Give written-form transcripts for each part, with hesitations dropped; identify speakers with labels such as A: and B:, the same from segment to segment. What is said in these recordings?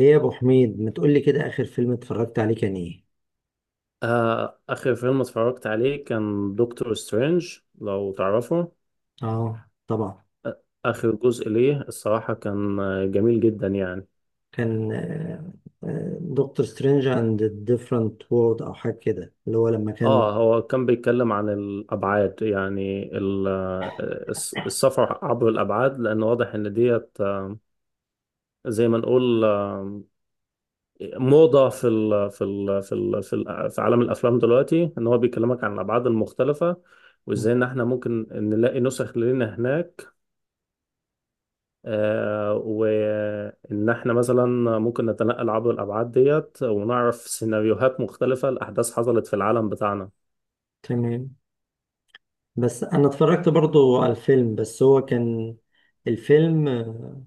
A: ايه يا ابو حميد ما تقول لي كده، اخر فيلم اتفرجت عليه كان ايه؟
B: آخر فيلم اتفرجت عليه كان دكتور سترينج لو تعرفه.
A: اه طبعا.
B: آخر جزء ليه الصراحة كان جميل جدا يعني.
A: كان دكتور سترينج اند ديفرنت وورد او حاجه كده اللي هو لما كان.
B: اه هو كان بيتكلم عن الأبعاد، يعني السفر عبر الأبعاد، لأن واضح إن ديت، زي ما نقول، موضة في ال في ال في ال في, ال في عالم الأفلام دلوقتي، إن هو بيكلمك عن الأبعاد المختلفة، وإزاي إن إحنا ممكن نلاقي نسخ لنا هناك، وإن إحنا مثلا ممكن نتنقل عبر الأبعاد ديت، ونعرف سيناريوهات مختلفة لأحداث حصلت في العالم بتاعنا.
A: تمام. بس انا اتفرجت برضو على الفيلم، بس هو كان الفيلم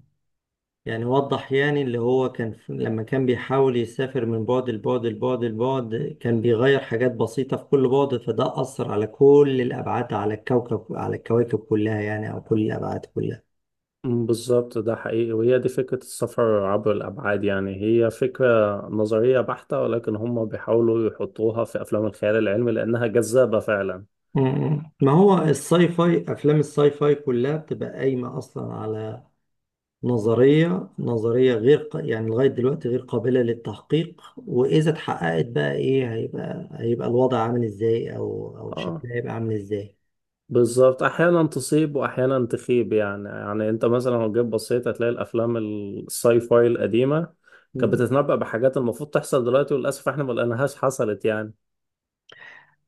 A: يعني وضح يعني اللي هو كان لما كان بيحاول يسافر من بعد لبعد لبعد لبعد، كان بيغير حاجات بسيطة في كل بعد، فده أثر على كل الأبعاد، على الكوكب، على الكواكب كلها يعني، أو كل الأبعاد كلها.
B: مم، بالظبط، ده حقيقي، وهي دي فكرة السفر عبر الأبعاد. يعني هي فكرة نظرية بحتة، ولكن هم بيحاولوا يحطوها في أفلام الخيال العلمي لأنها جذابة فعلا.
A: مم. ما هو الساي فاي، افلام الساي فاي كلها بتبقى قايمه اصلا على نظريه غير ق- يعني لغايه دلوقتي غير قابله للتحقيق، واذا اتحققت بقى ايه، هيبقى الوضع عامل ازاي، او
B: آه،
A: شكلها هيبقى عامل ازاي.
B: بالظبط، احيانا تصيب واحيانا تخيب. يعني يعني انت مثلا لو جيت بصيت هتلاقي الافلام الساي فاي القديمه كانت
A: مم.
B: بتتنبأ بحاجات المفروض تحصل دلوقتي، وللاسف احنا ما لقيناهاش حصلت يعني.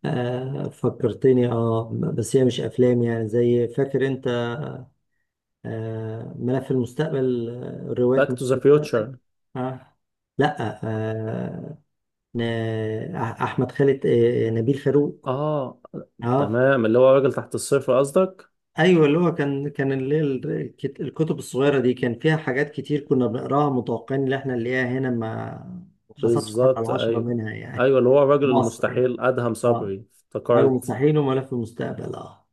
A: آه فكرتني، اه بس هي مش افلام، يعني زي، فاكر انت آه ملف المستقبل، روايات
B: باك
A: ملف
B: تو ذا
A: المستقبل.
B: فيوتشر.
A: آه لا آه. احمد خالد، نبيل فاروق.
B: اه،
A: اه.
B: تمام، اللي هو راجل تحت الصفر قصدك.
A: ايوه اللي هو كان، كان اللي هي الكتب الصغيره دي كان فيها حاجات كتير كنا بنقراها متوقعين ان احنا نلاقيها هنا، ما ما حصلش حتى
B: بالظبط،
A: العشرة
B: ايوه.
A: منها يعني.
B: ايوه، اللي هو الراجل
A: في مصر يعني.
B: المستحيل، ادهم
A: اه،
B: صبري،
A: رجل
B: افتكرت.
A: مستحيل وملف المستقبل، اه.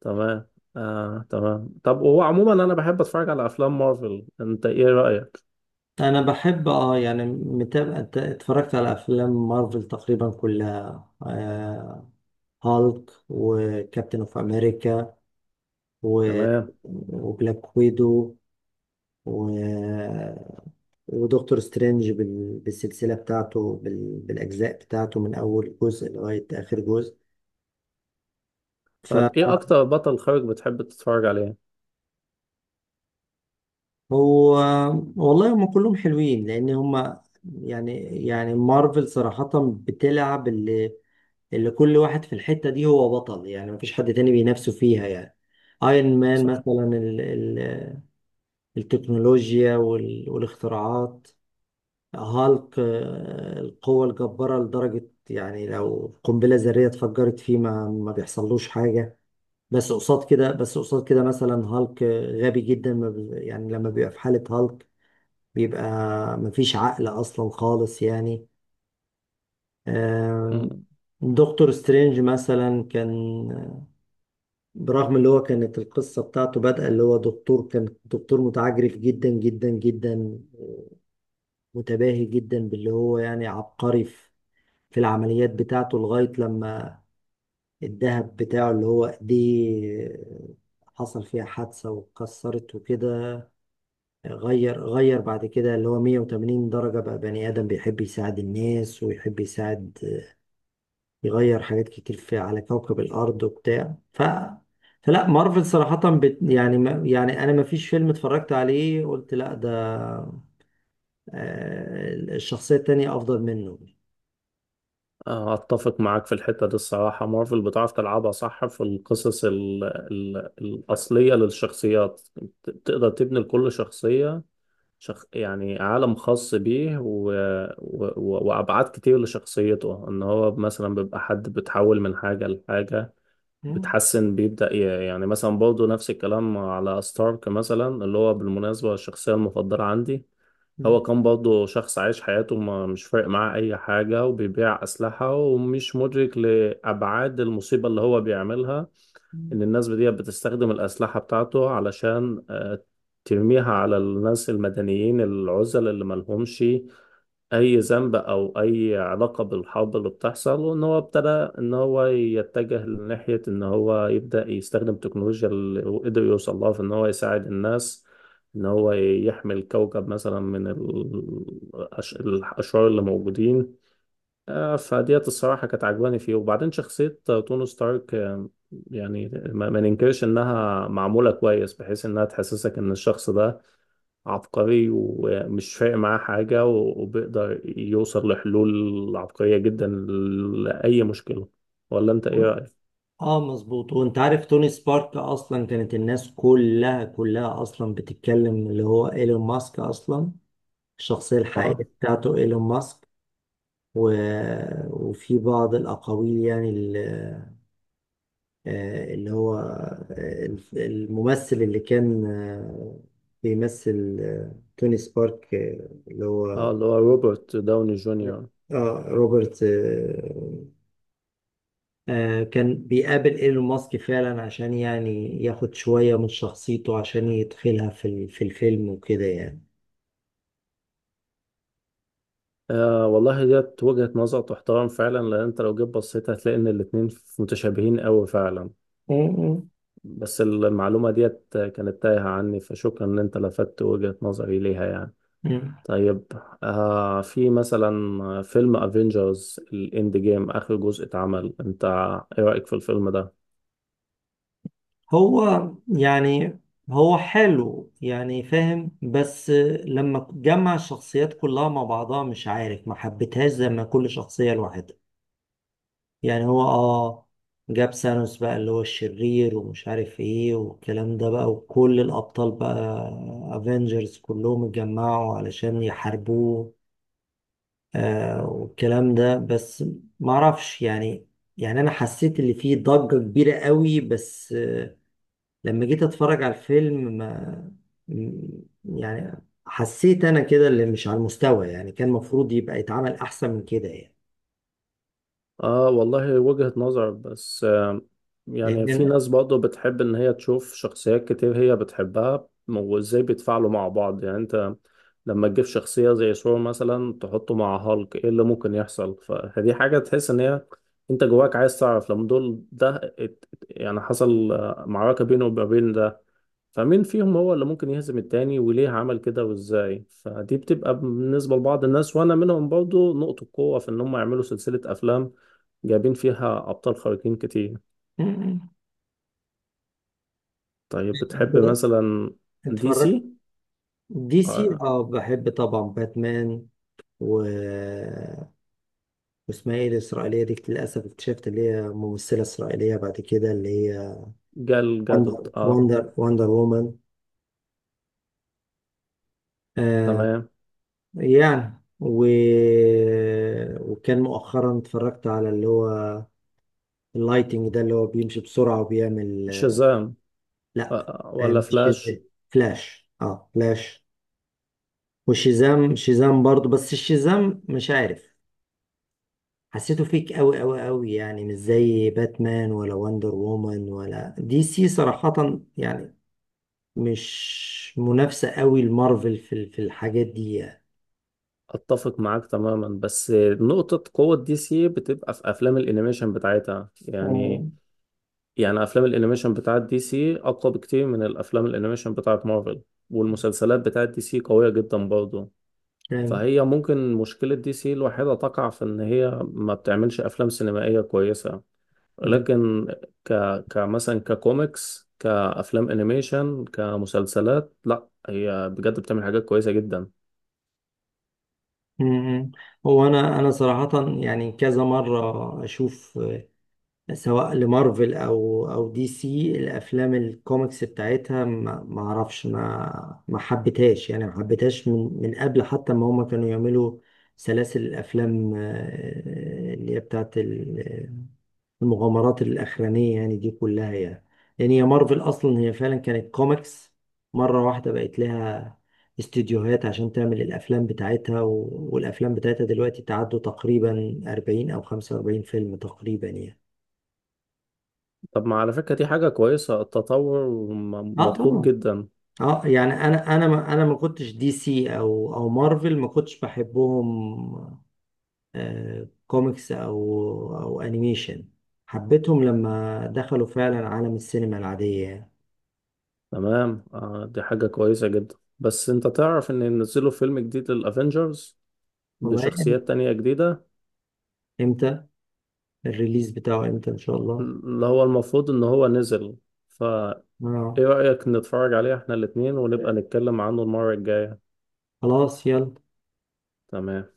B: تمام. آه تمام، طب وهو عموما انا بحب اتفرج على افلام مارفل، انت ايه رأيك؟
A: انا بحب، اه يعني متابع، اتفرجت على افلام مارفل تقريبا كلها، آه، هالك وكابتن اوف امريكا و...
B: تمام.
A: وبلاك ويدو، و ودكتور سترينج بالسلسلة بتاعته بالأجزاء بتاعته من أول جزء لغاية آخر جزء.
B: طب ايه اكتر بطل خارق بتحب تتفرج عليه؟
A: فهو، والله هم كلهم حلوين، لأن هم يعني، يعني مارفل صراحة بتلعب اللي، اللي كل واحد في الحتة دي هو بطل يعني، مفيش حد تاني بينافسه فيها يعني. ايرون مان
B: صح.
A: مثلا، ال التكنولوجيا والاختراعات. هالك القوة الجبارة لدرجة يعني لو قنبلة ذرية اتفجرت فيه ما ما بيحصلوش حاجة. بس قصاد كده، بس قصاد كده مثلا هالك غبي جدا، ما بي- يعني لما بيبقى في حالة هالك بيبقى مفيش عقل أصلا خالص يعني. آم،
B: مم.
A: دكتور سترينج مثلا كان، برغم اللي هو كانت القصة بتاعته بادئة اللي هو دكتور، كان دكتور متعجرف جدا جدا جدا، متباهي جدا باللي هو يعني عبقري في العمليات بتاعته، لغاية لما الدهب بتاعه اللي هو دي حصل فيها حادثة واتكسرت وكده، غير بعد كده اللي هو 180 درجة، بقى بني آدم بيحب يساعد الناس ويحب يساعد، يغير حاجات كتير في، على كوكب الأرض وبتاع، فلا مارفل صراحة، بت يعني، ما يعني أنا ما فيش فيلم اتفرجت عليه قلت لا ده الشخصية التانية أفضل منه.
B: أتفق معاك في الحتة دي الصراحة، مارفل بتعرف تلعبها صح في القصص ال الأصلية للشخصيات. تقدر تبني لكل شخصية يعني عالم خاص بيه، وأبعاد كتير لشخصيته، إن هو مثلا بيبقى حد بتحول من حاجة لحاجة، بتحسن، بيبدأ يعني، مثلا برضه نفس الكلام على ستارك مثلا، اللي هو بالمناسبة الشخصية المفضلة عندي. هو كان برضه شخص عايش حياته ما مش فارق معاه أي حاجة، وبيبيع أسلحة، ومش مدرك لأبعاد المصيبة اللي هو بيعملها، إن الناس دي بتستخدم الأسلحة بتاعته علشان ترميها على الناس المدنيين العزل، اللي ملهمش اي ذنب او اي علاقه بالحرب اللي بتحصل. وان هو ابتدى ان هو يتجه لناحيه ان هو يبدا يستخدم تكنولوجيا اللي هو قدر يوصل لها في ان هو يساعد الناس، ان هو يحمي الكوكب مثلا من الاشرار اللي موجودين. فديت الصراحه كانت عجباني فيه. وبعدين شخصيه توني ستارك، يعني ما ما ننكرش انها معموله كويس، بحيث انها تحسسك ان الشخص ده عبقري ومش فارق معاه حاجة، وبيقدر يوصل لحلول عبقرية جدا لأي مشكلة. ولا أنت إيه رأيك؟
A: اه مظبوط، وانت عارف توني سبارك اصلا كانت الناس كلها اصلا بتتكلم اللي هو ايلون ماسك اصلا الشخصية الحقيقية
B: آه.
A: بتاعته ايلون ماسك. و... وفي بعض الاقاويل يعني، ال- آه، اللي هو آه، الممثل اللي كان، بيمثل توني سبارك، آه، اللي
B: آه،
A: هو،
B: اللي هو روبرت داوني جونيور.
A: اه روبرت، كان بيقابل ايلون ماسك فعلا عشان يعني ياخد شوية من شخصيته عشان يدخلها في الفيلم وكده يعني.
B: آه والله، ديت وجهة نظر تحترم فعلا، لأن أنت لو جيت بصيت هتلاقي إن الاتنين متشابهين أوي فعلا.
A: مم.
B: بس المعلومة ديت كانت تايهة عني، فشكرا إن أنت لفتت وجهة نظري ليها يعني.
A: مم.
B: طيب، في مثلا فيلم افنجرز الاند جيم، اخر جزء اتعمل، انت ايه رأيك في الفيلم ده؟
A: هو يعني، هو حلو يعني فاهم، بس لما جمع الشخصيات كلها مع بعضها مش عارف، ما حبيتهاش زي ما كل شخصية لوحدها يعني. هو اه جاب سانوس بقى اللي هو الشرير ومش عارف ايه والكلام ده بقى، وكل الأبطال بقى افنجرز كلهم اتجمعوا علشان يحاربوه آه والكلام ده، بس معرفش يعني. يعني انا حسيت اللي فيه ضجة كبيرة قوي، بس لما جيت اتفرج على الفيلم، ما م- يعني حسيت انا كده اللي مش على المستوى يعني، كان المفروض يبقى يتعمل احسن من كده يعني.
B: اه والله، وجهة نظر، بس آه، يعني
A: لان
B: في
A: انا،
B: ناس برضه بتحب ان هي تشوف شخصيات كتير هي بتحبها، وازاي بيتفاعلوا مع بعض. يعني انت لما تجيب شخصية زي ثور مثلا تحطه مع هالك، ايه اللي ممكن يحصل؟ فدي حاجة تحس ان هي، انت جواك عايز تعرف لما دول ده يعني حصل معركة بينه وما بين ده، فمين فيهم هو اللي ممكن يهزم التاني، وليه عمل كده، وازاي. فدي بتبقى بالنسبة لبعض الناس، وانا منهم برضو، نقطة قوة في ان هم يعملوا سلسلة افلام جايبين فيها ابطال خارقين كتير.
A: م- م.
B: طيب، بتحب
A: انت
B: مثلا دي
A: اتفرجت
B: سي؟
A: دي سي؟
B: آه.
A: اه بحب طبعا باتمان، و واسمها ايه الاسرائيليه دي، للاسف اكتشفت اللي هي ممثله اسرائيليه بعد كده اللي هي
B: جال
A: وندر
B: جادوت، اه،
A: وندر وندر وومن، آه.
B: تمام.
A: يعني و... وكان مؤخرا اتفرجت على اللي هو اللايتنج ده اللي هو بيمشي بسرعة وبيعمل،
B: شازام. آه.
A: لا،
B: ولا
A: مش شازام،
B: فلاش.
A: فلاش، اه فلاش. وشازام، شازام برضه بس الشازام مش عارف، حسيته فيك قوي قوي قوي يعني، مش زي باتمان ولا وندر وومن، ولا دي سي صراحة يعني مش منافسة قوي لمارفل في الحاجات دي يعني.
B: اتفق معاك تماما، بس نقطة قوة دي سي بتبقى في افلام الانيميشن بتاعتها يعني.
A: مم.
B: يعني افلام الانيميشن بتاعت دي سي اقوى بكتير من الافلام الانيميشن بتاعت مارفل، والمسلسلات بتاعت دي سي قوية جدا برضه.
A: فاهم.
B: فهي ممكن مشكلة دي سي الوحيدة تقع في ان هي ما بتعملش افلام سينمائية كويسة، لكن ك كمثلا، ككوميكس، كافلام انيميشن، كمسلسلات، لا، هي بجد بتعمل حاجات كويسة جدا.
A: مم. هو انا، انا صراحه يعني كذا مره اشوف سواء لمارفل او دي سي، الافلام الكوميكس بتاعتها ما ما اعرفش، ما ما حبيتهاش يعني، ما حبيتهاش من قبل حتى ما هم كانوا يعملوا سلاسل الافلام، اللي هي بتاعت المغامرات الأخرانية يعني دي كلها يعني. يعني هي مارفل أصلا هي فعلا كانت كوميكس، مرة واحدة بقت لها استديوهات عشان تعمل الأفلام بتاعتها، و... والأفلام بتاعتها دلوقتي تعدوا تقريبا 40 أو 45 فيلم تقريبا يعني.
B: طب ما على فكرة دي حاجة كويسة، التطور
A: اه
B: مطلوب
A: طبعا.
B: جدا.
A: اه يعني، انا ما كنتش دي سي او مارفل ما كنتش بحبهم، آه كوميكس او او انيميشن، حبيتهم لما دخلوا فعلا عالم السينما العادية يعني.
B: تمام. آه، دي حاجة كويسة جدا، بس انت تعرف ان ينزلوا فيلم جديد للأفينجرز
A: والله
B: بشخصيات تانية جديدة.
A: انت الريليز بتاعه امتى ان شاء الله؟
B: اللي هو المفروض ان هو نزل، فايه
A: اه.
B: رأيك نتفرج عليه احنا الاتنين، ونبقى نتكلم عنه المرة الجاية؟
A: خلاص يلا.
B: تمام.